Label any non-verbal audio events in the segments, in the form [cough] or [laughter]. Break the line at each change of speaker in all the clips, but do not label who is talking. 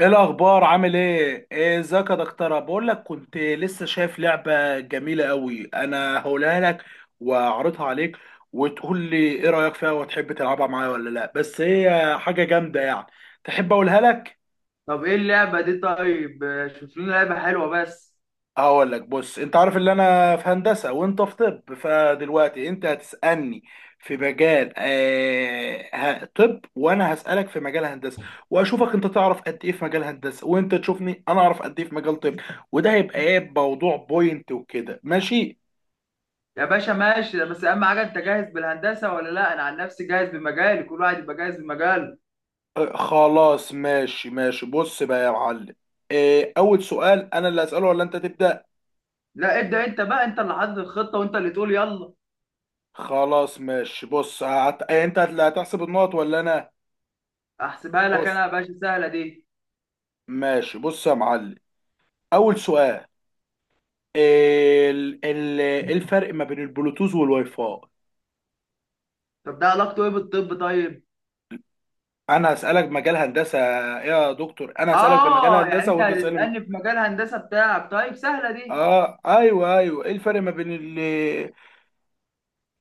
ايه الاخبار؟ عامل ايه؟ ايه، ازيك يا دكتوره؟ بقول لك، كنت لسه شايف لعبه جميله قوي، انا هقولها لك واعرضها عليك، وتقول لي ايه رايك فيها وتحب تلعبها معايا ولا لا، بس هي حاجه جامده يعني. تحب اقولها لك؟
طب ايه اللعبة دي؟ طيب شوف لنا لعبة حلوة بس.
هقول لك، بص، انت عارف ان انا في هندسه وانت في طب، فدلوقتي انت هتسالني في مجال طب، وانا هسالك في مجال هندسه، واشوفك انت تعرف قد ايه في مجال هندسه، وانت تشوفني انا اعرف قد ايه في مجال طب. وده هيبقى ايه، موضوع بوينت وكده، ماشي؟
يا باشا ماشي، بس اهم حاجة انت جاهز بالهندسة ولا لا؟ انا عن نفسي جاهز بمجالي، كل واحد يبقى جاهز بمجاله.
آه، خلاص، ماشي ماشي، بص بقى يا معلم. آه، اول سؤال، انا اللي هساله ولا انت تبدا؟
لا ابدأ انت بقى، انت اللي حاطط الخطة وانت اللي تقول يلا.
خلاص، ماشي، بص انت اللي هتحسب النقط ولا انا؟
احسبها لك
بص.
انا يا باشا، سهلة دي.
ماشي، بص يا معلم. اول سؤال، ال ال ايه الفرق ما بين البلوتوث والواي فاي؟
طب ده علاقته ايه بالطب؟ طيب
انا هسالك مجال هندسه. يا دكتور، انا هسالك بمجال
اه، يعني
هندسه
انت
وانت تسالني.
هتسألني في مجال هندسة بتاعك؟ طيب سهلة دي.
اه ايوه، ايوه، ايه الفرق ما بين ال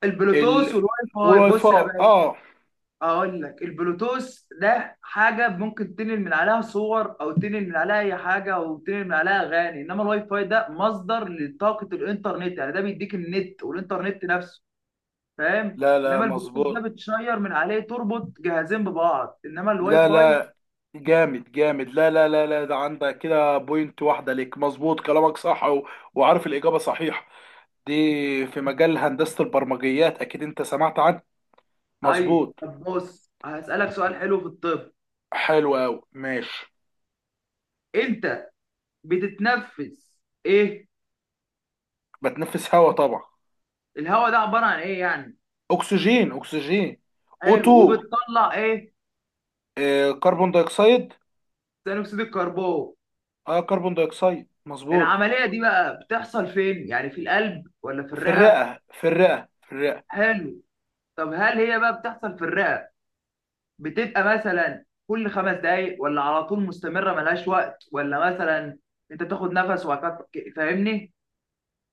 البلوتوث
ال
والواي فاي،
والواي
بص يا
فاي؟
باشا
اه،
اقول لك، البلوتوث ده حاجه ممكن تنقل من عليها صور او تنقل من عليها اي حاجه او تنقل من عليها اغاني، انما الواي فاي ده مصدر لطاقه الانترنت، يعني ده بيديك النت والانترنت نفسه، فاهم؟
لا لا،
انما البلوتوث ده
مظبوط.
بتشير من عليه، تربط جهازين ببعض، انما الواي
لا
فاي.
لا، جامد جامد، لا لا لا لا، ده عندك كده بوينت واحده ليك، مظبوط كلامك صح، وعارف الاجابه صحيحه دي، في مجال هندسه البرمجيات، اكيد انت سمعت عنه.
ايوه،
مظبوط.
طب بص هسالك سؤال حلو في الطب.
حلو قوي، ماشي.
انت بتتنفس ايه؟
بتنفس هواء طبعا.
الهواء ده عباره عن ايه يعني؟
اكسجين، اكسجين.
حلو،
O2.
وبتطلع ايه؟
كربون دايوكسيد.
ثاني اكسيد الكربون.
اه، كربون دايوكسيد، مظبوط.
العملية دي بقى بتحصل فين؟ يعني في القلب ولا في
في
الرئة؟
الرئة، في الرئة، في الرئة.
حلو. طب هل هي بقى بتحصل في الرئة بتبقى مثلا كل خمس دقايق ولا على طول مستمرة ملهاش وقت، ولا مثلا انت تاخد نفس وبعد كده- فاهمني؟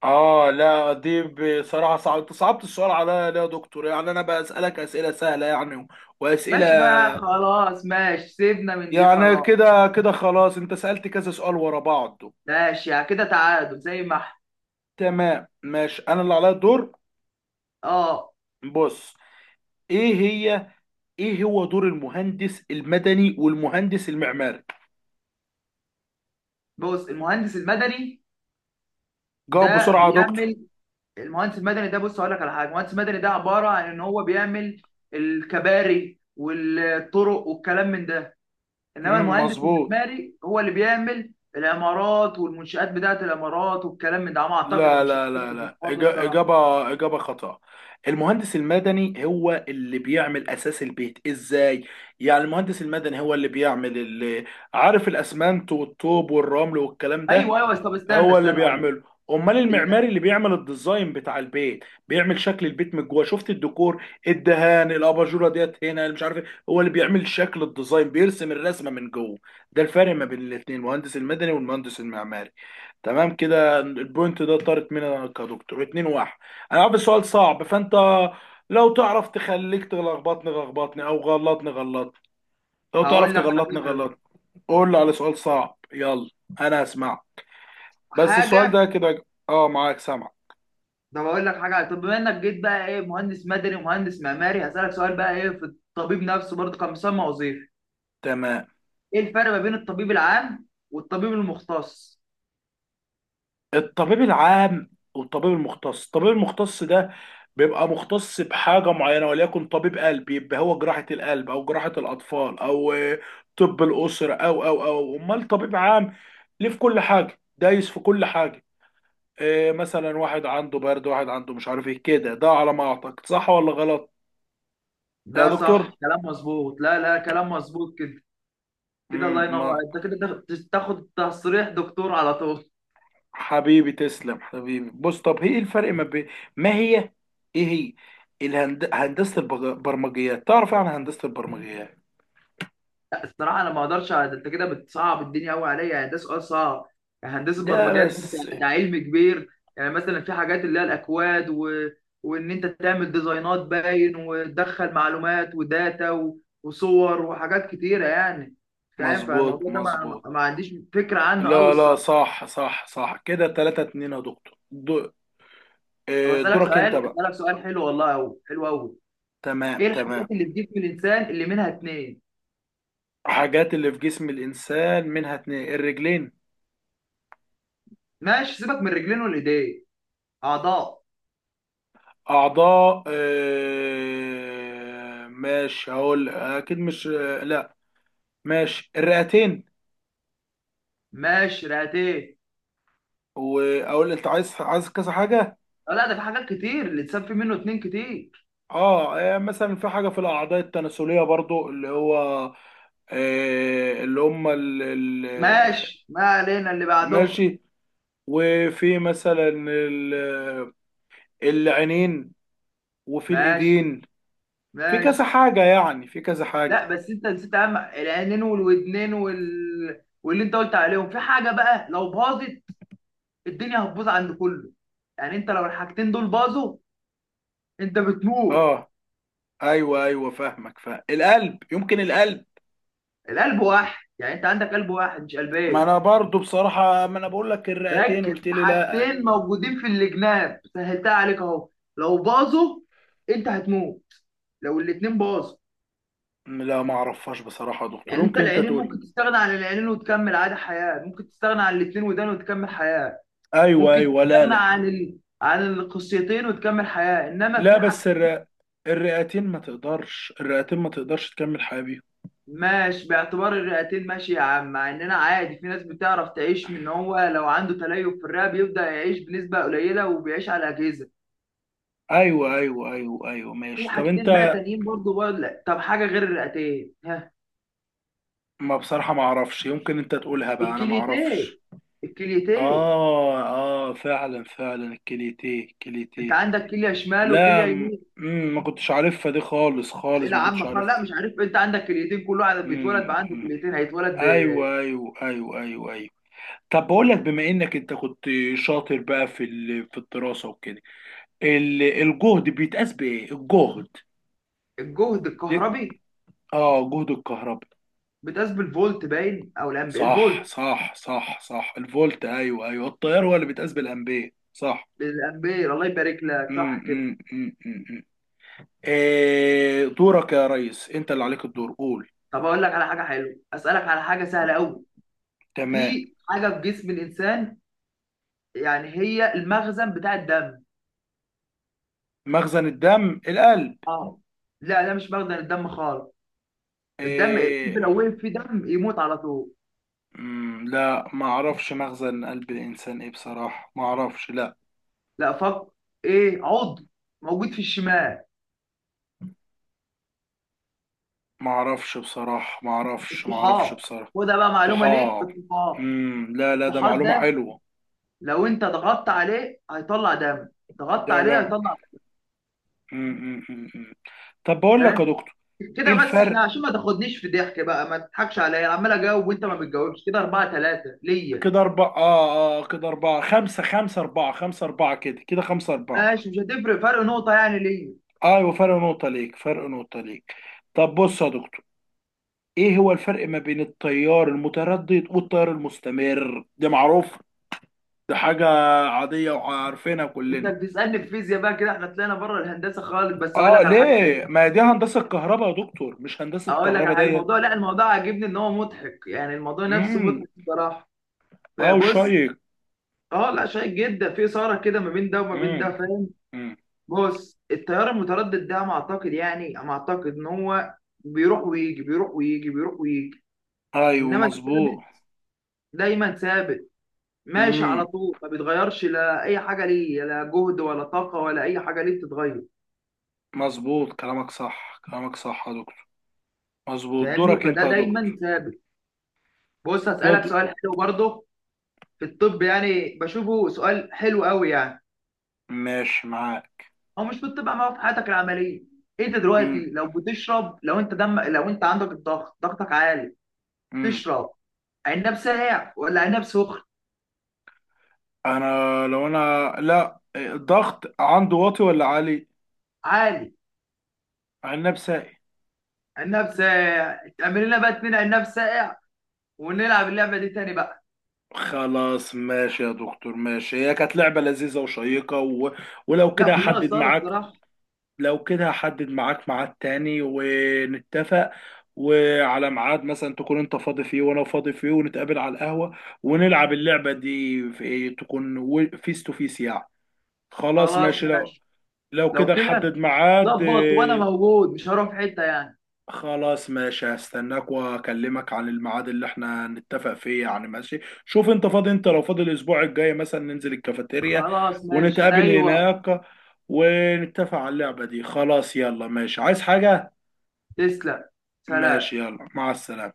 اه، لا دي، بصراحة صعبت السؤال عليا، ليه يا دكتور؟ يعني انا بسألك اسئلة سهلة يعني، واسئلة.
ماشي بقى، خلاص ماشي، سيبنا من دي
يعني
خلاص.
كده كده، خلاص، انت سألت كذا سؤال ورا بعض.
ماشي، يعني كده تعادل زي ما احنا.
تمام، ماشي، انا اللي عليا الدور.
اه.
بص. ايه هي ايه هو دور المهندس المدني والمهندس المعماري؟
بص المهندس المدني
جاوب
ده
بسرعة يا دكتور.
بيعمل، المهندس المدني ده بص هقول لك على حاجه، المهندس المدني ده عباره عن ان هو بيعمل الكباري والطرق والكلام من ده، انما المهندس
مظبوط.
المعماري هو اللي بيعمل العمارات والمنشآت بتاعه العمارات والكلام من ده، على ما اعتقد، انا
لا
مش
لا لا
متأكد من
لا،
الحوار ده الصراحه.
إجابة خاطئة. المهندس المدني هو اللي بيعمل أساس البيت إزاي؟ يعني المهندس المدني هو اللي بيعمل اللي، عارف، الأسمنت والطوب والرمل والكلام
ايوه
ده،
ايوه، طب استنى
هو اللي
استنى اقول لك.
بيعمله. امال
ال-،
المعماري اللي بيعمل الديزاين بتاع البيت، بيعمل شكل البيت من جوه، شفت، الديكور، الدهان، الاباجوره ديت هنا اللي مش عارف ايه، هو اللي بيعمل شكل الديزاين، بيرسم الرسمه من جوه. ده الفرق ما بين الاثنين، المهندس المدني والمهندس المعماري. تمام، كده البوينت ده طارت منها، كدكتور اتنين واحد. انا عارف السؤال صعب، فانت لو تعرف تخليك تلخبطني لخبطني، او غلطني غلطني. لو تعرف
هقول لك على
تغلطني
حاجه،
غلطني. قول لي على سؤال صعب، يلا، انا هسمعك. بس السؤال
حاجه،
ده كده، معاك، سامع.
ده بقول لك حاجه. طب بما انك جيت بقى ايه مهندس مدني ومهندس معماري، هسألك سؤال بقى ايه في الطبيب نفسه، برضه كان مسمى وظيفي.
تمام.
ايه الفرق ما بين الطبيب العام والطبيب المختص؟
الطبيب العام والطبيب المختص. الطبيب المختص ده بيبقى مختص بحاجة معينة، وليكن طبيب قلب، يبقى هو جراحة القلب، أو جراحة الأطفال، أو طب الأسرة. أو أمال طبيب عام، ليه في كل حاجة دايس، في كل حاجة؟ إيه، مثلا واحد عنده برد، واحد عنده مش عارف ايه كده. ده على ما أعتقد، صح ولا غلط يا
ده
دكتور؟
صح، كلام مظبوط، لا لا كلام مظبوط كده. كده الله
مم،
ينور،
ما.
انت كده تاخد، تاخد تصريح دكتور على طول.
حبيبي، تسلم حبيبي. بص، طب هي ايه الفرق ما بين، ما هي، ايه هي، هندسة البرمجيات، تعرف يعني إيه هندسة البرمجيات؟
[laughs] لا الصراحه انا ما اقدرش على- ده، انت كده بتصعب الدنيا قوي عليا، يعني ده سؤال صعب. يعني هندسه
ده
برمجيات ده،
بس.
ده علم كبير. يعني مثلا في حاجات اللي هي الاكواد و... وان انت تعمل ديزاينات باين، وتدخل معلومات وداتا و... وصور وحاجات كتيره يعني، فاهم؟
مظبوط
فالموضوع ده ما...
مظبوط.
ما ما عنديش فكره عنه قوي
لا لا،
الصراحه.
صح صح صح، كده تلاتة اتنين يا دكتور،
طب
آه،
اسالك
دورك انت
سؤال،
بقى.
اسالك سؤال حلو والله، قوي حلو قوي.
تمام
ايه الحاجات
تمام.
اللي بتجيب في الانسان اللي منها اتنين؟
حاجات اللي في جسم الإنسان منها اتنين، الرجلين.
ماشي سيبك من رجلين والايدين، اعضاء.
أعضاء. ماشي، هقول أكيد مش، آه، لا. ماشي، الرئتين.
ماشي رئتين.
واقول انت عايز، كذا حاجه.
آه، لا، ده في حاجات كتير الانسان في منه اتنين كتير.
اه، مثلا في حاجه في الاعضاء التناسليه برضو، اللي هو اللي هم
ماشي ما علينا اللي بعدهم.
ماشي، وفي مثلا العينين، وفي
ماشي.
الايدين. في كذا
ماشي.
حاجه يعني، في كذا حاجه.
لا بس انت نسيت اهم، العينين والودنين وال... واللي انت قلت عليهم، في حاجه بقى لو باظت الدنيا هتبوظ عند كله، يعني انت لو الحاجتين دول باظوا انت بتموت.
اه، ايوه ايوه، فاهمك، فاهم، القلب، يمكن القلب.
القلب واحد، يعني انت عندك قلب واحد مش
ما
قلبين.
انا برضو بصراحه، ما انا بقول لك الرئتين،
ركز،
قلت لي لا.
حاجتين موجودين في الجناب سهلتها عليك اهو، لو باظوا انت هتموت، لو الاتنين باظوا.
لا، ما اعرفهاش بصراحه يا دكتور،
يعني انت
يمكن انت
العينين
تقول.
ممكن تستغنى عن العينين وتكمل عادي حياة، ممكن تستغنى عن الاتنين ودان وتكمل حياة،
ايوه
ممكن
ايوه، لا
تستغنى
لا،
عن ال... عن القصيتين وتكمل حياة، انما
لا
في
بس
حاجتين.
الرئتين ما تقدرش، الرئتين ما تقدرش تكمل حياة بيهم.
ماشي باعتبار الرئتين، ماشي يا عم، مع اننا عادي في ناس بتعرف تعيش، من هو لو عنده تليف في الرئة بيبدأ يعيش بنسبة قليلة وبيعيش على أجهزة.
ايوه ايوه ايوه ايوه،
في
ماشي، طب
حاجتين بقى
انت.
تانيين برضه بقى، لا طب حاجة غير الرئتين ها.
ما بصراحة ما اعرفش، يمكن انت تقولها بقى، انا ما
الكليتين،
اعرفش.
الكليتين.
اه اه، فعلا فعلا، الكليتيه
انت
الكليتيه.
عندك كليه شمال وكليه
لا، م...
يمين.
مم، ما كنتش عارفها دي خالص، خالص
اسئله
ما كنتش
عامه خالص،
عارفها.
لا مش عارف، انت عندك كليتين، كل واحد بيتولد
مم،
بقى عنده
مم.
كليتين هيتولد.
ايوه ايوه ايوه ايوه ايوه. طب بقول لك، بما انك انت كنت شاطر بقى في في الدراسة وكده، الجهد بيتقاس بايه، الجهد؟
بالجهد الكهربي.
اه، جهد الكهرباء.
بتقاس بالفولت باين او الامبير،
صح
الفولت.
صح صح صح، الفولت، ايوه ايوه، التيار هو اللي بيتقاس بالامبير، صح.
الامبير، الله يبارك لك،
امم
صح كده.
امم امم امم إيه دورك يا ريس؟ انت اللي عليك الدور، قول.
طب اقول لك على حاجه حلوه، اسالك على حاجه سهله قوي.
تمام.
في حاجه في جسم الانسان يعني هي المخزن بتاع الدم.
مخزن الدم، القلب.
اه. لا ده مش مخزن الدم خالص، الدم القلب
إيه؟
لو وقف فيه دم يموت على طول.
لا، ما اعرفش مخزن قلب الانسان ايه، بصراحة ما اعرفش، لا.
لا فك. ايه عضو موجود في الشمال؟
ما اعرفش بصراحة، ما اعرفش، ما اعرفش
الطحال،
بصراحة.
وده بقى معلومه ليك،
طحال.
الطحال.
لا لا، ده
الطحال
معلومة
ده
حلوة.
لو انت ضغطت عليه هيطلع دم، ضغطت
ده،
عليه هيطلع دم،
إمم. طب بقول لك يا
فاهم؟
دكتور، ايه
كده بس احنا
الفرق؟
عشان ما تاخدنيش في ضحك بقى، ما تضحكش عليا عمال اجاوب وانت ما بتجاوبش، كده 4 3 ليا.
كده اربعة، كده اربعة خمسة، خمسة اربعة، خمسة اربعة، كده كده خمسة اربعة.
ماشي، مش هتفرق فرق نقطه يعني ليا.
ايوه، فرق نقطة ليك، فرق نقطة ليك. طب بص يا دكتور، ايه هو الفرق ما بين التيار المتردد والتيار المستمر؟ ده معروف، ده حاجة عادية وعارفينها
انت
كلنا.
بتسالني في فيزياء بقى كده، احنا طلعنا بره الهندسه خالص، بس هقول
اه،
لك على حاجه
ليه؟
حلوة.
ما دي هندسة كهرباء يا دكتور، مش هندسة
هقول لك
كهرباء
على
ديت؟
الموضوع، لا الموضوع عاجبني ان هو مضحك، يعني الموضوع نفسه
امم.
مضحك بصراحه.
اه،
بص.
شيق.
اه لا شيق جدا، في اثاره كده ما بين ده وما بين
امم.
ده، فاهم؟
امم.
بص التيار المتردد ده انا اعتقد، يعني انا اعتقد ان هو بيروح ويجي، بيروح ويجي، بيروح ويجي.
ايوه،
انما
مظبوط.
الثابت دايما ثابت، ماشي
امم.
على طول ما بيتغيرش، لا اي حاجه ليه، لا جهد ولا طاقه ولا اي حاجه ليه بتتغير.
مظبوط كلامك صح، كلامك صح يا دكتور. مظبوط.
فاهمني؟
دورك انت
فده
يا دكتور.
دايما ثابت. بص
يا د...
هسالك سؤال حلو برضه في الطب، يعني بشوفه سؤال حلو قوي يعني.
ماشي معاك.
هو مش بتطبق معاه في حياتك العمليه؟ انت
مم.
دلوقتي لو بتشرب، لو انت دم، لو انت عندك الضغط، ضغطك عالي
مم.
تشرب عناب ساقع ولا عناب سخن؟
انا لو انا، لا، الضغط عنده واطي ولا عالي؟
عالي.
عناب ساقي.
عناب ساقع، تعمل لنا بقى اتنين عناب ساقع ونلعب اللعبه دي تاني بقى.
خلاص، ماشي يا دكتور. ماشي، هي كانت لعبة لذيذة وشيقة. ولو
لا
كده
كلها
هحدد
اثاره
معاك،
الصراحه.
لو كده هحدد معاك ميعاد تاني ونتفق، وعلى ميعاد مثلا تكون انت فاضي فيه وانا فاضي فيه، ونتقابل على القهوة، ونلعب اللعبة دي في إيه؟ تكون فيس تو فيس يعني. خلاص،
خلاص
ماشي. لو
ماشي.
لو
لو
كده نحدد
كده
ميعاد.
ظبط، وانا موجود مش هروح في حته يعني.
خلاص، ماشي، هستناك واكلمك عن الميعاد اللي احنا نتفق فيه يعني، ماشي. شوف انت فاضي، انت لو فاضي الاسبوع الجاي مثلا، ننزل الكافيتيريا
خلاص ماشي، انا
ونتقابل
اي وقت.
هناك، ونتفق على اللعبة دي. خلاص، يلا، ماشي. عايز حاجة؟
تسلم.
ماشي،
سلام.
يلا، مع السلامة.